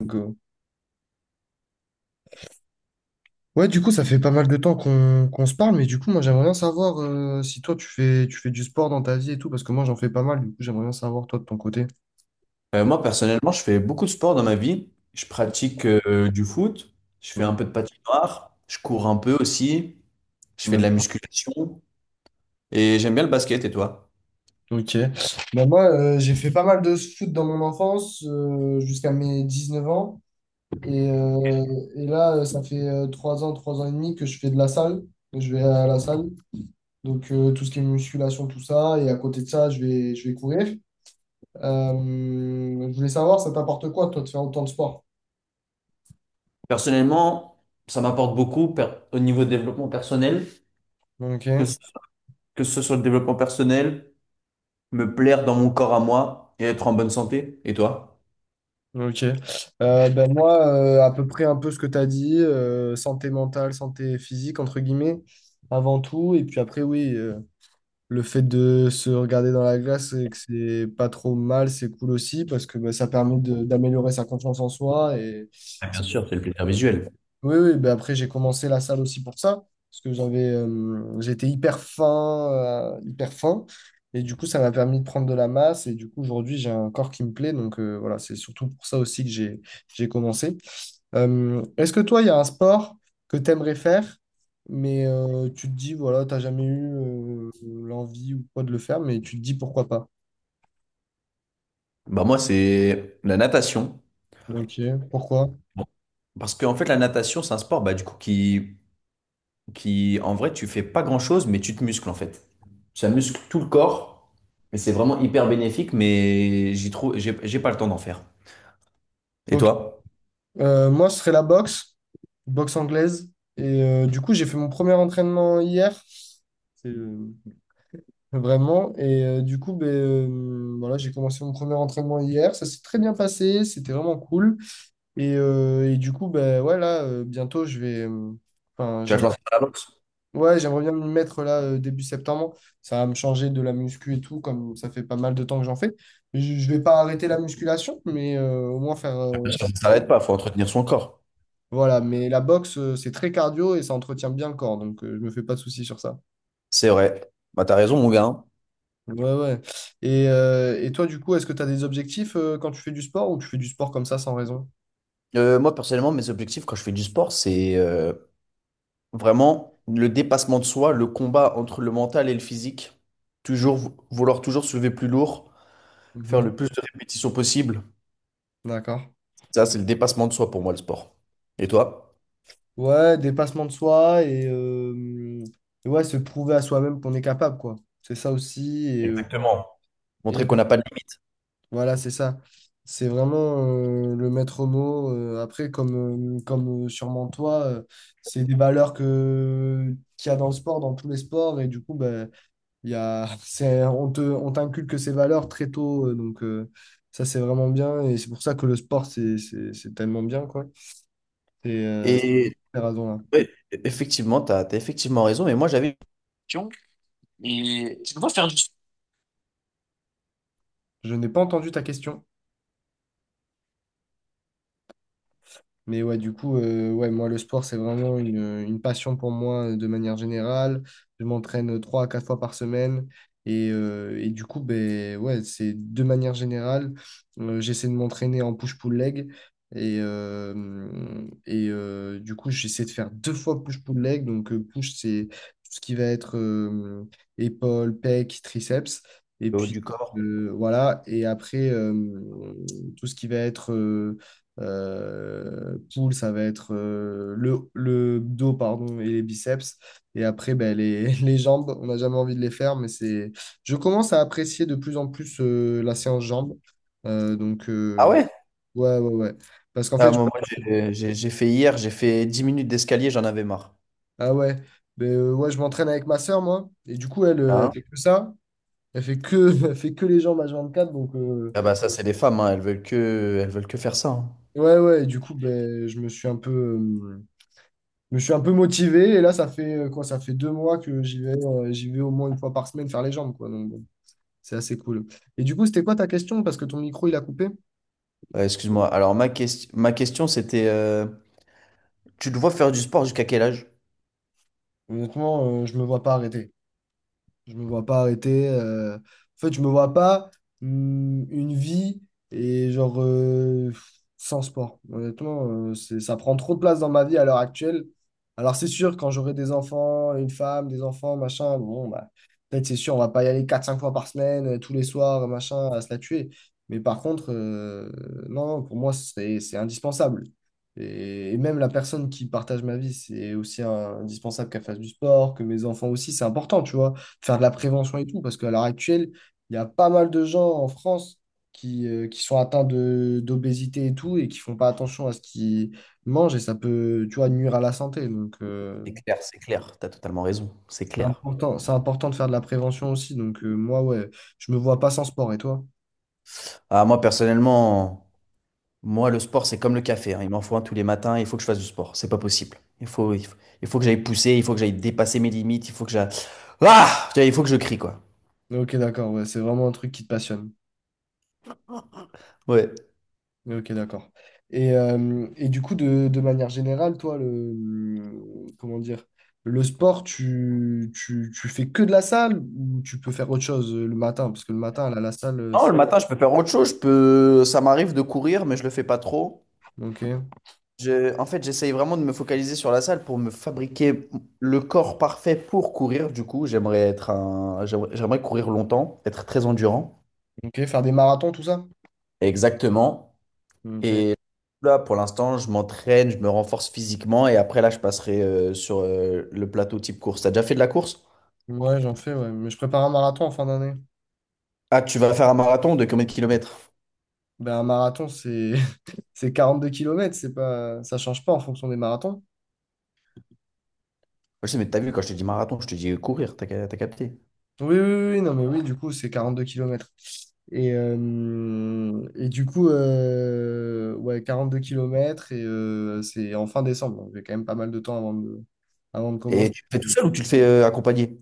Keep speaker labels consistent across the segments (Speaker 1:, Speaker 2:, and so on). Speaker 1: Donc, ouais, du coup, ça fait pas mal de temps qu'on se parle, mais du coup, moi, j'aimerais bien savoir si toi, tu fais du sport dans ta vie et tout, parce que moi, j'en fais pas mal, du coup, j'aimerais bien savoir, toi, de ton côté.
Speaker 2: Moi, personnellement, je fais beaucoup de sport dans ma vie. Je pratique du foot, je fais
Speaker 1: Mm.
Speaker 2: un peu de patinoire, je cours un peu aussi, je fais de la
Speaker 1: Ouais.
Speaker 2: musculation et j'aime bien le basket. Et toi?
Speaker 1: Ok. Bah, moi, j'ai fait pas mal de foot dans mon enfance, jusqu'à mes 19 ans, et là, ça fait 3 ans, 3 ans et demi que je fais de la salle, je vais à la salle, donc tout ce qui est musculation, tout ça, et à côté de ça, je vais courir. Euh, je voulais savoir, ça t'apporte quoi, toi, de faire autant de sport?
Speaker 2: Personnellement, ça m'apporte beaucoup au niveau de développement personnel, que ce,
Speaker 1: Ok.
Speaker 2: que ce soit le développement personnel, me plaire dans mon corps à moi et être en bonne santé. Et toi?
Speaker 1: Ok. Ben moi, à peu près un peu ce que tu as dit, santé mentale, santé physique, entre guillemets, avant tout. Et puis après, oui, le fait de se regarder dans la glace et que c'est pas trop mal, c'est cool aussi, parce que ben, ça permet d'améliorer sa confiance en soi et
Speaker 2: Ah, bien
Speaker 1: ça.
Speaker 2: sûr, c'est le plaisir visuel.
Speaker 1: Oui, oui, ben après j'ai commencé la salle aussi pour ça, parce que j'avais, j'étais hyper fin, et du coup ça m'a permis de prendre de la masse, et du coup aujourd'hui j'ai un corps qui me plaît, donc voilà, c'est surtout pour ça aussi que j'ai commencé. Est-ce que toi, il y a un sport que tu aimerais faire, mais tu te dis, voilà, t'as jamais eu l'envie ou quoi de le faire, mais tu te dis pourquoi pas?
Speaker 2: Bah moi, c'est la natation.
Speaker 1: Ok, pourquoi?
Speaker 2: Bon, parce qu'en fait, la natation, c'est un sport bah, du coup, qui, en vrai, tu fais pas grand-chose, mais tu te muscles en fait. Ça muscle tout le corps, mais c'est vraiment hyper bénéfique, mais j'ai pas le temps d'en faire. Et
Speaker 1: Ok.
Speaker 2: toi?
Speaker 1: Moi, ce serait la boxe anglaise. Et du coup, j'ai fait mon premier entraînement hier. C'est vraiment. Et du coup, voilà, j'ai commencé mon premier entraînement hier. Ça s'est très bien passé. C'était vraiment cool. Et du coup, ben, ouais, là, bientôt, je vais. Enfin,
Speaker 2: Tu vas te
Speaker 1: j'aimerais.
Speaker 2: lancer dans la boxe?
Speaker 1: Ouais, j'aimerais bien m'y mettre là début septembre. Ça va me changer de la muscu et tout, comme ça fait pas mal de temps que j'en fais. Je vais pas arrêter la musculation, mais au moins faire.
Speaker 2: Bien sûr, s'arrête pas, faut entretenir son corps.
Speaker 1: Voilà, mais la boxe, c'est très cardio et ça entretient bien le corps, donc je me fais pas de soucis sur ça.
Speaker 2: C'est vrai. Bah, t'as raison, mon gars, hein.
Speaker 1: Ouais, ouais. Et toi, du coup, est-ce que tu as des objectifs quand tu fais du sport ou tu fais du sport comme ça sans raison?
Speaker 2: Moi, personnellement, mes objectifs quand je fais du sport, c'est vraiment le dépassement de soi, le combat entre le mental et le physique. Toujours vouloir toujours soulever plus lourd, faire
Speaker 1: Mhm.
Speaker 2: le plus de répétitions possible.
Speaker 1: D'accord.
Speaker 2: Ça, c'est le dépassement de soi pour moi, le sport. Et toi?
Speaker 1: Ouais, dépassement de soi et ouais, se prouver à soi-même qu'on est capable, quoi. C'est ça aussi.
Speaker 2: Montrer
Speaker 1: Et
Speaker 2: qu'on n'a pas de limite.
Speaker 1: voilà, c'est ça. C'est vraiment le maître mot. Après, comme sûrement toi, c'est des valeurs qu'il y a dans le sport, dans tous les sports. Et du coup, bah, on t'inculque ces valeurs très tôt, donc ça c'est vraiment bien et c'est pour ça que le sport c'est tellement bien quoi. Et c'est pour
Speaker 2: Et
Speaker 1: ces raisons-là.
Speaker 2: ouais, effectivement, effectivement raison. Mais moi, j'avais une question. Et je dois faire du
Speaker 1: Je n'ai pas entendu ta question. Mais ouais, du coup, ouais, moi, le sport, c'est vraiment une passion pour moi de manière générale. Je m'entraîne 3 à 4 fois par semaine. Et du coup, ben, ouais, c'est de manière générale, j'essaie de m'entraîner en push-pull leg. Et du coup, j'essaie de faire 2 fois push-pull leg. Donc, push, c'est tout ce qui va être épaules, pecs, triceps. Et
Speaker 2: haut
Speaker 1: puis,
Speaker 2: du corps.
Speaker 1: voilà. Et après, tout ce qui va être poule, ça va être le dos pardon, et les biceps. Et après, ben, les, les jambes, on n'a jamais envie de les faire, mais c'est... Je commence à apprécier de plus en plus la séance jambes. Euh, donc, euh,
Speaker 2: Ah
Speaker 1: donc,
Speaker 2: ouais?
Speaker 1: ouais, ouais, ouais. Parce qu'en
Speaker 2: Ah,
Speaker 1: fait, je...
Speaker 2: j'ai fait hier, j'ai fait 10 minutes d'escalier, j'en avais marre.
Speaker 1: Ah ouais, ben, ouais, je m'entraîne avec ma sœur, moi. Et du coup, elle, elle
Speaker 2: Hein.
Speaker 1: fait que ça. Elle fait que, elle fait que les jambes à quatre. Donc,
Speaker 2: Ah bah ça, c'est les femmes, hein, elles veulent que faire ça, hein.
Speaker 1: ouais, ouais. Et du coup, ben, je me suis un peu... je me suis un peu motivé et là, ça fait quoi? Ça fait 2 mois que j'y vais au moins une fois par semaine faire les jambes, quoi. Donc, bon, c'est assez cool. Et du coup, c'était quoi ta question? Parce que ton micro, il a coupé.
Speaker 2: Excuse-moi. Alors, ma question, c'était tu te vois faire du sport jusqu'à quel âge?
Speaker 1: Honnêtement, je me vois pas arrêter. Je me vois pas arrêter. En fait, je me vois pas une vie et genre sans sport. Honnêtement, ça prend trop de place dans ma vie à l'heure actuelle. Alors c'est sûr, quand j'aurai des enfants, une femme, des enfants, machin, bon, bah, peut-être c'est sûr, on va pas y aller quatre cinq fois par semaine, tous les soirs, machin, à se la tuer. Mais par contre, non, non, pour moi, c'est indispensable. Et même la personne qui partage ma vie, c'est aussi indispensable qu'elle fasse du sport, que mes enfants aussi, c'est important, tu vois faire de la prévention et tout, parce qu'à l'heure actuelle, il y a pas mal de gens en France qui sont atteints d'obésité et tout, et qui font pas attention à ce qu'ils mangent, et ça peut, tu vois, nuire à la santé. Donc,
Speaker 2: C'est clair, c'est clair. Tu as totalement raison. C'est clair.
Speaker 1: c'est important de faire de la prévention aussi. Donc, moi, ouais, je me vois pas sans sport, et toi?
Speaker 2: Ah, moi, personnellement. Moi, le sport, c'est comme le café, hein. Il m'en faut un tous les matins. Il faut que je fasse du sport. C'est pas possible. Il faut que j'aille pousser. Il faut que j'aille dépasser mes limites. Il faut que j'aille. Ah! Tu vois, il faut que je crie, quoi.
Speaker 1: Ok, d'accord, ouais, c'est vraiment un truc qui te passionne.
Speaker 2: Ouais.
Speaker 1: Mais ok, d'accord. Et du coup, de manière générale, toi, le, comment dire, le sport, tu fais que de la salle ou tu peux faire autre chose le matin? Parce que le matin, là, la salle,
Speaker 2: Non,
Speaker 1: c'est...
Speaker 2: le matin, je peux faire autre chose. Je peux... Ça m'arrive de courir, mais je le fais pas trop.
Speaker 1: Ok.
Speaker 2: En fait, j'essaye vraiment de me focaliser sur la salle pour me fabriquer le corps parfait pour courir. Du coup, j'aimerais être un... j'aimerais courir longtemps, être très endurant.
Speaker 1: Ok, faire des marathons, tout ça?
Speaker 2: Exactement.
Speaker 1: Ok.
Speaker 2: Et là, pour l'instant, je m'entraîne, je me renforce physiquement et après, là, je passerai sur le plateau type course. T'as déjà fait de la course?
Speaker 1: Ouais, j'en fais, ouais. Mais je prépare un marathon en fin d'année.
Speaker 2: Ah, tu vas faire un marathon de combien de kilomètres?
Speaker 1: Ben, un marathon, c'est c'est 42 kilomètres, c'est pas... ça change pas en fonction des marathons.
Speaker 2: Je sais, mais t'as vu, quand je te dis marathon, je te dis courir, t'as capté.
Speaker 1: Oui, oui, oui, oui, non, mais oui, du coup, c'est 42 kilomètres. Et du coup, ouais, 2 kilomètres et c'est en fin décembre. Donc, j'ai quand même pas mal de temps avant avant de
Speaker 2: Et
Speaker 1: commencer.
Speaker 2: tu le fais tout seul ou tu le fais accompagné?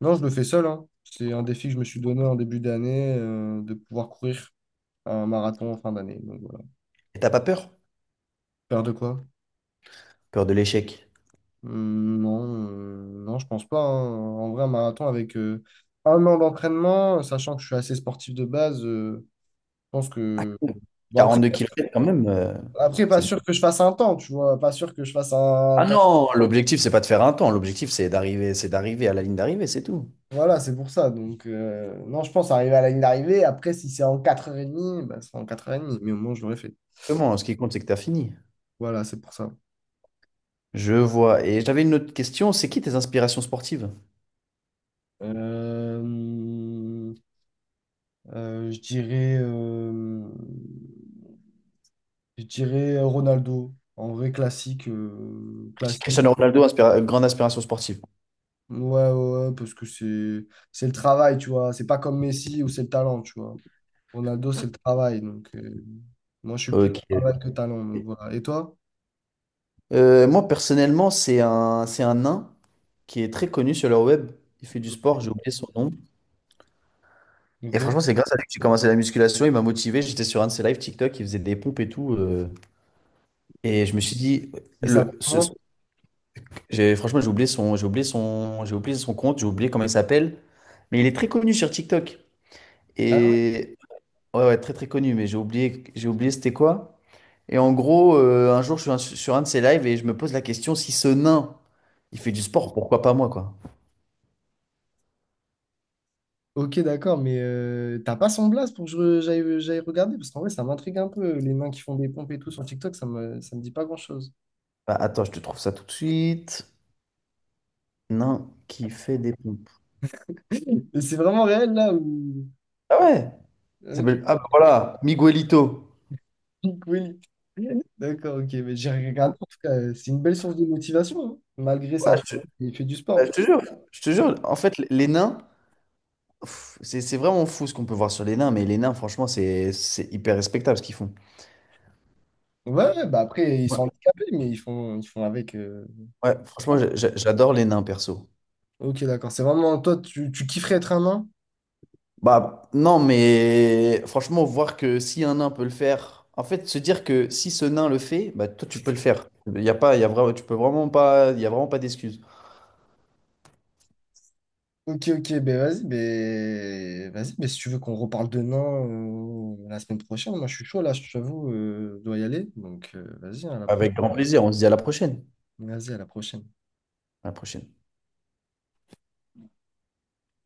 Speaker 1: Non, je le fais seul, hein. C'est un défi que je me suis donné en début d'année, de pouvoir courir un marathon en fin d'année. Donc, voilà.
Speaker 2: Et t'as pas peur?
Speaker 1: Peur de quoi?
Speaker 2: Peur de l'échec.
Speaker 1: Non, non, je pense pas, hein. En vrai, un marathon avec un an d'entraînement, sachant que je suis assez sportif de base, je pense
Speaker 2: Ah,
Speaker 1: que...
Speaker 2: cool.
Speaker 1: Bon,
Speaker 2: 42 kilomètres quand même,
Speaker 1: après, pas
Speaker 2: c'est... bon.
Speaker 1: sûr que je fasse un temps, tu vois. Pas sûr que je fasse un
Speaker 2: Ah
Speaker 1: temps.
Speaker 2: non, l'objectif, c'est pas de faire un temps. L'objectif, c'est d'arriver à la ligne d'arrivée, c'est tout.
Speaker 1: Voilà, c'est pour ça. Donc, non, je pense arriver à la ligne d'arrivée. Après, si c'est en 4h30, bah, c'est en 4h30. Mais au moins, je l'aurais fait.
Speaker 2: Vraiment, ce qui compte, c'est que t'as fini.
Speaker 1: Voilà, c'est pour ça.
Speaker 2: Je vois. Et j'avais une autre question, c'est qui tes inspirations sportives?
Speaker 1: Euh, euh, je dirais, euh, je dirais Ronaldo. En vrai, classique. Classique.
Speaker 2: Cristiano Ronaldo, grande inspiration sportive.
Speaker 1: Ouais, ouais, ouais, parce que c'est le travail, tu vois. C'est pas comme Messi où c'est le talent, tu vois. Ronaldo, c'est le travail. Donc, moi, je suis plus
Speaker 2: Ok.
Speaker 1: travail que talent. Donc, voilà. Et toi?
Speaker 2: Moi, personnellement, c'est c'est un nain qui est très connu sur le web. Il fait du sport, j'ai oublié son nom. Et
Speaker 1: Ok. Et
Speaker 2: franchement, c'est grâce à lui que j'ai commencé la musculation. Il m'a motivé. J'étais sur un de ses lives TikTok, il faisait des pompes et tout, et je me suis dit,
Speaker 1: ça fait
Speaker 2: le, ce- ce-
Speaker 1: comment?
Speaker 2: j'ai, franchement, j'ai oublié son compte, j'ai oublié comment il s'appelle. Mais il est très connu sur TikTok.
Speaker 1: Ah ouais,
Speaker 2: Et ouais, ouais, très très connu. Mais j'ai oublié, c'était quoi? Et en gros, un jour, sur un de ses lives et je me pose la question, si ce nain, il fait du sport, pourquoi pas moi, quoi?
Speaker 1: ok, d'accord, mais t'as pas son blast pour que j'aille regarder? Parce qu'en vrai, ça m'intrigue un peu. Les nains qui font des pompes et tout sur TikTok, ça me dit pas grand-chose.
Speaker 2: Bah, attends, je te trouve ça tout de suite. Nain qui fait des pompes.
Speaker 1: Et c'est vraiment réel, là, où...
Speaker 2: Ah ouais!
Speaker 1: Ok,
Speaker 2: Ah bah voilà, Miguelito.
Speaker 1: Willy. D'accord, ok, mais j'ai regardé. En tout cas, c'est une belle source de motivation, hein. Malgré
Speaker 2: Ah,
Speaker 1: ça,
Speaker 2: je, te
Speaker 1: il fait du
Speaker 2: ah, je
Speaker 1: sport.
Speaker 2: te jure, je te jure. En fait, les nains, pff, c'est vraiment fou ce qu'on peut voir sur les nains, mais les nains, franchement, c'est hyper respectable ce qu'ils font.
Speaker 1: Ouais, ouais, bah après, ils sont
Speaker 2: Ouais,
Speaker 1: handicapés, mais ils font avec.
Speaker 2: ouais, franchement, j'adore les nains, perso.
Speaker 1: Ok, d'accord. C'est vraiment toi, tu kifferais être un nain?
Speaker 2: Bah non, mais franchement, voir que si un nain peut le faire, en fait, se dire que si ce nain le fait, bah toi tu peux le faire. Il y a pas, il y a vraiment, tu peux vraiment pas, il y a vraiment pas d'excuses.
Speaker 1: Ok, ok, ben vas-y, ben vas-y, ben si tu veux qu'on reparle de nains la semaine prochaine, moi je suis chaud là, je t'avoue, je dois y aller. Donc vas-y, à la prochaine.
Speaker 2: Avec grand plaisir, on se dit à la prochaine.
Speaker 1: Vas-y, à la prochaine.
Speaker 2: À la prochaine.